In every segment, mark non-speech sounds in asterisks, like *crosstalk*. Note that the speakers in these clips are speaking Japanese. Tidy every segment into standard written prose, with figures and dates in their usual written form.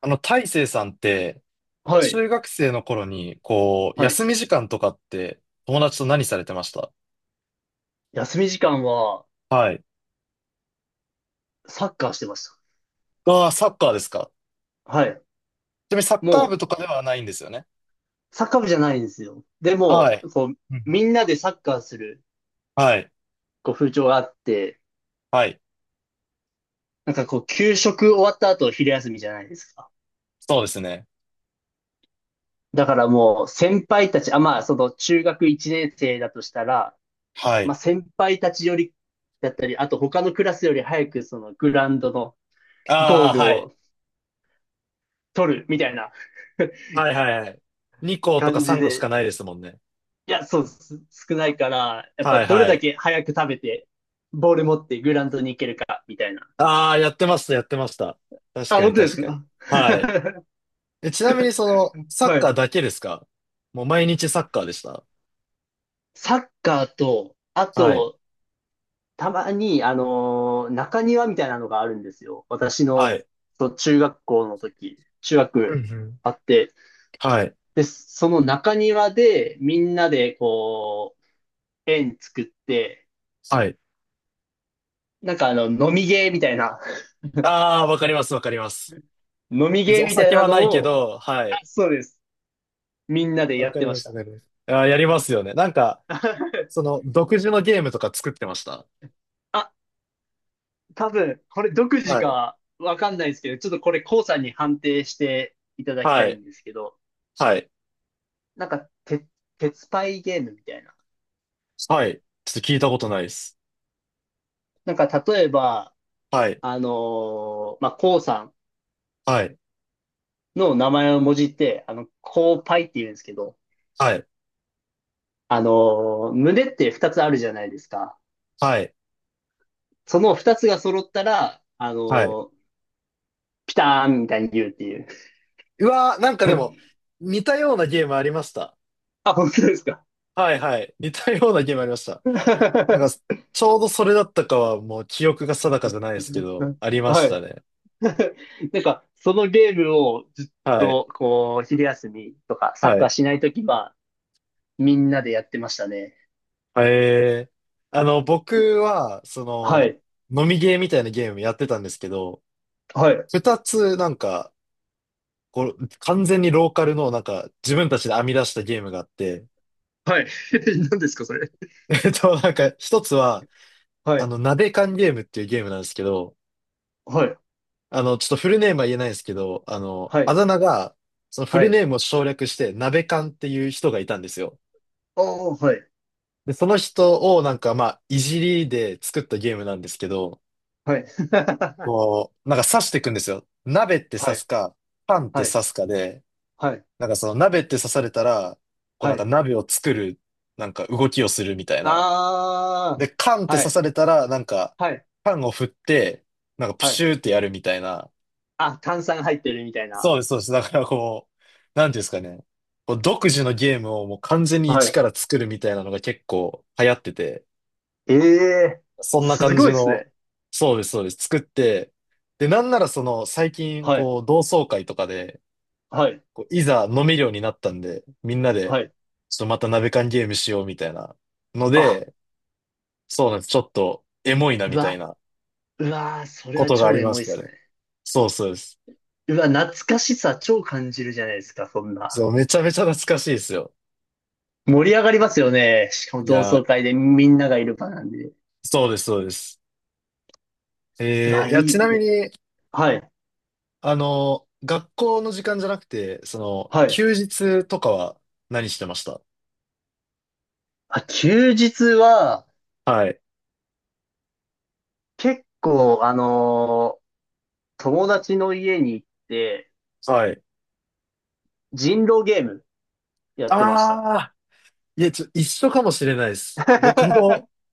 大成さんって、はい。中学生の頃に、こう、はい。休み時間とかって、友達と何されてました？休み時間は、はい。サッカーしてましああ、サッカーですか。た。はい。ちなみにサッカーも部とかではないんですよね。う、サッカー部じゃないんですよ。ではも、い。こう、うん。みんなでサッカーする、はい。こう、風潮があって、はい。なんかこう、給食終わった後、昼休みじゃないですか。そうですね。だからもう、先輩たち、中学1年生だとしたら、はい。先輩たちより、だったり、あと他のクラスより早く、グラウンドのゴーああ、ルはい。を取る、みたいな *laughs* はいはいはい。2校とか感じ3校しかで、ないですもんね。いや、そう、少ないから、やっぱはいどれはだい。け早く食べて、ボール持ってグラウンドに行けるか、みたいな。ああ、やってました、やってました。確あ、かに本当で確すかに。か？ はい。*laughs* え、ちなみにサはッカーい。だけですか？もう毎日サッカーでした。サッカーと、あはい。と、たまに、中庭みたいなのがあるんですよ。私はの、い。そう中学校の時、中うんう学ん。あって、はい。で、その中庭で、みんなで、こう、円作って、はい。なんか飲みゲーみたいな、ああ、わかります、わかります。*laughs* 飲み別ゲにーおみたい酒なはなのいけを、ど、はあ、い。そうです。みんなでわやっかてりまましす、わた。かります。ああ、やりますよね。なんか、そ *laughs* の、独自のゲームとか作ってました？あ、多分、これ独自はい。かわかんないですけど、ちょっとこれ、コウさんに判定していただきたはいい。んですけど、はい。なんか、鉄パイゲームみたいな。はい。ちょっと聞いたことないです。なんか、例えば、はい。コウさはい。んの名前をもじって、コウパイって言うんですけど、はい。あの胸って2つあるじゃないですか。はい。その2つが揃ったら、はい。ーピターンみたいに言うっていう。うわー、なんかでも、*laughs* 似たようなゲームありました。あ、本当ですか。はい、はい。似たようなゲームありました。*laughs* なんか、ちょうどそれだったかは、もう記憶が定かじゃないですけど、ありましはたい。ね。*laughs* なんか、そのゲームをずっはい。と、こう、昼休みとか、サッはカーい。しないときは、みんなでやってましたね。えー、あの、僕は、はそい。の、飲みゲーみたいなゲームやってたんですけど、はい。二つなんか、こう、完全にローカルのなんか、自分たちで編み出したゲームがあって、はい。*laughs* 何ですか、それ。*laughs* なんか、一つは、はい。鍋缶ゲームっていうゲームなんですけど、はい。ちょっとフルネームは言えないですけど、はあい。だ名が、そのフはルい。ネームを省略して、鍋缶っていう人がいたんですよ。おー、はい。で、その人をなんか、まあ、いじりで作ったゲームなんですけど、はい。*laughs* こう、なんか刺していくんですよ。鍋っては刺い。すか、パンっはてい。刺すかで、はい。なんかその鍋って刺されたら、こうなはんかい。鍋を作る、なんか動きをするみたいな。あで、パンっー。ては刺い。されたら、なんか、はい。パンを振って、なんかプはい。シューってやるみたいな。あ、炭酸入ってるみたいな。そうです、そうです。だからこう、なんていうんですかね。こう独自のゲームをもう完全には一い。から作るみたいなのが結構流行ってて、ええー、そんなす感ごじいっすの、ね。そうです、そうです。作って、で、なんならその最近はい。こう同窓会とかで、はい。こういざ飲めるようになったんで、みんなで、はい。ちょっとまた鍋缶ゲームしようみたいなのあ、で、そうなんです。ちょっとエモいなうみたいわ、なうわー、それこはとがあ超りエまモいしったすね。ね。そうそうです。うわ、懐かしさ超感じるじゃないですか、そんな。そう、めちゃめちゃ懐かしいですよ。盛り上がりますよね。しかもい同や、窓会でみんながいる場なんで。うそうです、そうです。わ、いいや、ちいなみね。に、はい、学校の時間じゃなくて、はい。休日とかは何してました？あ、休日は、はい。結構、友達の家に行って、はい。人狼ゲームやってました。ああ、いや、一緒かもしれないです。僕も *laughs*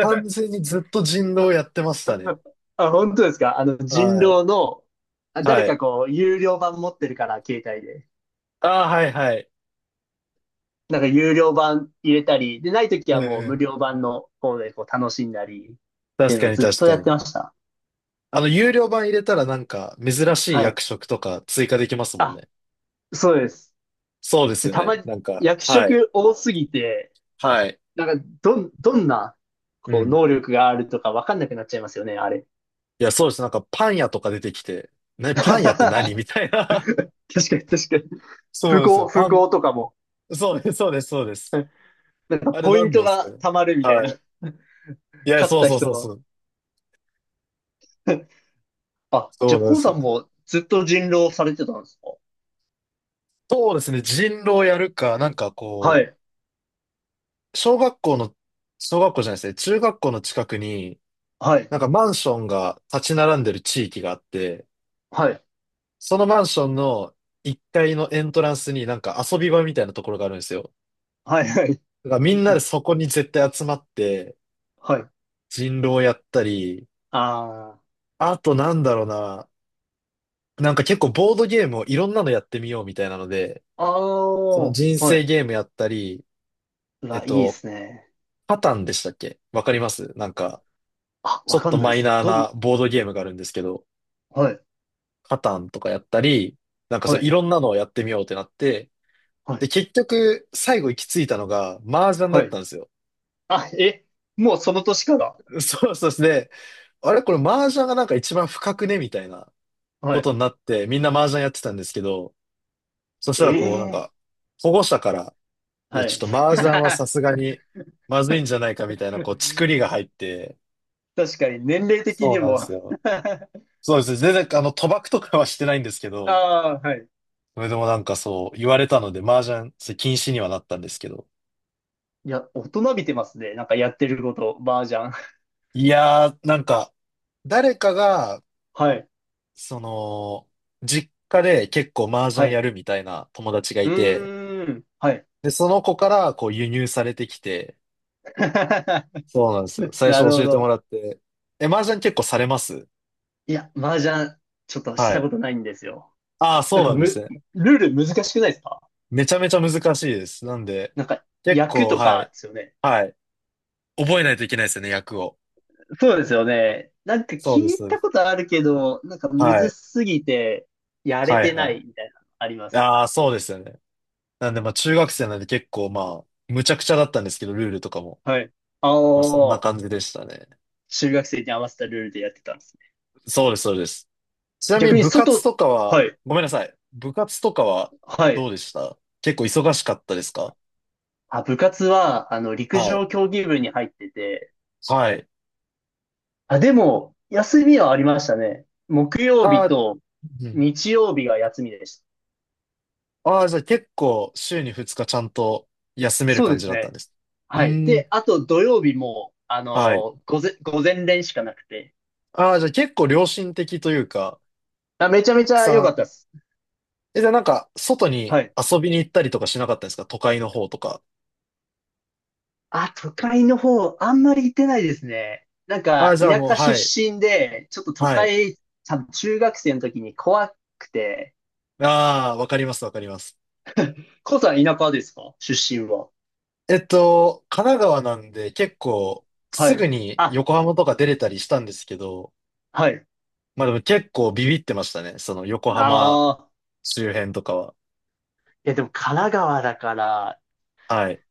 完全にずっと人狼やってましたね。あ、本当ですか？人はい。狼の、あ誰はかい。こう、有料版持ってるから、携帯で。ああ、はいはい。なんか有料版入れたり、で、ないときうんはうもう無ん。料版の方でこう楽しんだり、ってい確うのかをにずっ確とかやっに。てました。有料版入れたらなんか、珍しいはい。役職とか追加できますもんあ、ね。そうです。そうですで、よたね。まになんか、役はい。職多すぎて、はい。なんかどんな、うこう、ん。能力があるとかわかんなくなっちゃいますよね、あれ。いや、そうです。なんか、パン屋とか出てきて、ね、パン屋って何 *laughs* 確みたいな。かに確かに。*laughs* そ富うですよ。豪、富豪とかも、そうです、そうです、そうです。あれポイン何トなんですかがね。貯まるみたいはな。い。いや、勝っそうたそうそ人うその。う。あ、じそゃうあ、なんコでウすさよ。んもずっと人狼されてたんですか？そうですね。人狼やるか、なんかはこい、う、小学校の、小学校じゃないですね。中学校の近くに、はい、なんかマンションが立ち並んでる地域があって、はい、そのマンションの1階のエントランスになんか遊び場みたいなところがあるんですよ。はい、はい。だからみんなでそこに絶対集まってはい。人狼やったり、ああとなんだろうな、なんか結構ボードゲームをいろんなのやってみようみたいなので、あ、あそあ、の人生はゲームやったり、い。えっいいでと、すね。パタンでしたっけ？わかります？なんか、あ、ちわょっかとんないでマイす。ナーなボードゲームがあるんですけど、はい、パタンとかやったり、なんかそはういい、ろんなのをやってみようってなって、はで、い、結局、最後行き着いたのが、麻雀だはっい。たんですよ。あ、え、もうその年から。*laughs* そうそうですね、あれこれ麻雀がなんか一番深くねみたいなはこい。とになって、みんな麻雀やってたんですけど、そしたえらこうなんえ、か、保護者から、いや、はちい。ょっと *laughs* 麻雀はさすがにまずいんじゃないかみたいな、こう、チクリが入って、確かに、年齢的そにうなんでも す *laughs* よ。そうですね。全然、賭博とかはしてないんですけあど、あ、はい。それでもなんかそう、言われたので、麻雀、それ禁止にはなったんですけど。いや、大人びてますね。なんかやってること、麻雀。いやー、なんか、誰かが、はい、その、実家で結構麻雀はやい。るみたいな友達がういて、ーん、はい。で、その子からこう輸入されてきて、そうなんですよ。*laughs* 最初なる教ほえてもど。らって。え、麻雀結構されます？いや、麻雀、ちょっとしはたい。ことないんですよ。ああ、なそうんかなんですね。ルール難しくないですか？めちゃめちゃ難しいです。なんで、なんか、結役構、とはかい。ですよね。はい。覚えないといけないですよね、役を。そうですよね。なんかそうで聞す。いそうでたす。ことあるけど、なんかむはずい。すぎて、やれはい、てはない。いみたいなのあります。ああ、そうですよね。なんで、まあ、中学生なんで結構、まあ、むちゃくちゃだったんですけど、ルールとかも。はい。あまあ、そんなあ、感じでしたね。中学生に合わせたルールでやってたんですね。そうです、そうです。ちなみ逆にに部活外、とかは、はい、ごめんなさい。部活とかははどい。うでした？結構忙しかったですか？あ、部活は、陸はい。上競技部に入ってて、はい。あ、でも、休みはありましたね。木曜あ日ー、とうん。日曜日が休みでした。あー、じゃあ結構週に2日ちゃんと休めるそう感でじすだったんね。です？うはい。ーん。で、あと土曜日も、はい。午前練しかなくて。ああ、じゃあ結構良心的というか、あ、めちゃめちたくゃ良かさったです。ん。え、じゃあなんか外にはい。遊びに行ったりとかしなかったですか？都会の方とか。あ、都会の方、あんまり行ってないですね。なんああ、か、じゃあ田もう、舎出はい。身で、ちょっと都はい。会、多分中学生の時に怖くて。ああ、わかります、わかります。コウさん田舎ですか？出身は。神奈川なんで結構はすぐい。にあ、横浜とか出れたりしたんですけど、はい。まあでも結構ビビってましたね。その横浜ああ。周辺とかは。いや、でも神奈川だから、はい。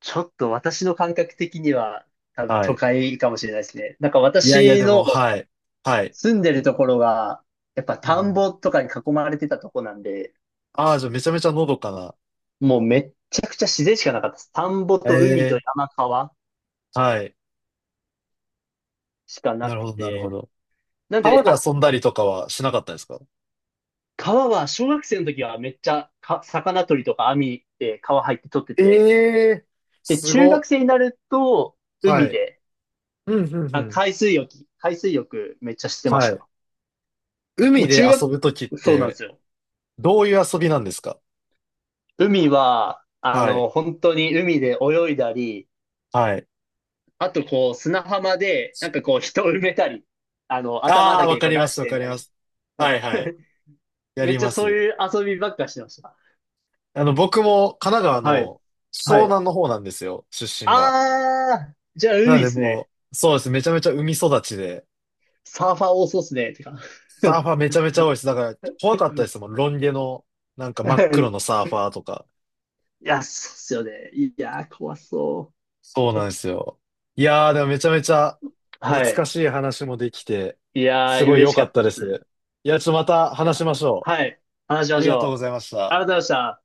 ちょっと私の感覚的には、多分は都い。会かもしれないですね。なんかいやいや私でのも、はい。はい。住んでるところが、やっぱうんう田んん。ぼとかに囲まれてたとこなんで、ああ、じゃあめちゃめちゃのどかな。もうめっちゃくちゃ自然しかなかったです。田んぼと海とええ。山川はい。しかななるくほど、なるほて。ど。なん川で、であ、遊んだりとかはしなかったですか？川は小学生の時はめっちゃ魚取りとか網で川入って取ってえて。え、で、す中学ご。生になるとは海い。で、うん、うん、うあ、ん。海水浴、海水浴めっちゃしてましはい。た。も海うで遊ぶときっそうなんでて、すよ。どういう遊びなんですか？海は、はい。本当に海で泳いだり、はい。あと、こう、砂浜で、なんかこう、人を埋めたり、頭ああ、だわけかこうりま出す、しわてかみりたいな。ます。ははい いはい。*laughs* やめっりちゃまそうす。いう遊びばっかしてました。僕も神奈川はい。のは湘い。南の方なんですよ、出身が。あー、じゃあな海のっですね。もう、そうです。めちゃめちゃ海育ちで、サーファー多そうっすね。てか。サーファーめちゃめちゃ多いです。だから怖かったですもん。ロン毛の、なんかは真っ黒い。のサーファーとか。いや、そうっすよね。いやー、怖そそうなんですよ。いやー、でもめちゃめちゃう。は懐い。かしい話もできて、いやすー、ごい良嬉しかかっったたっです。す。いや、ちょっとまたい話しやまー、しょはい。話しう。あまりしがとうごょう。ざいましありた。がとうございました。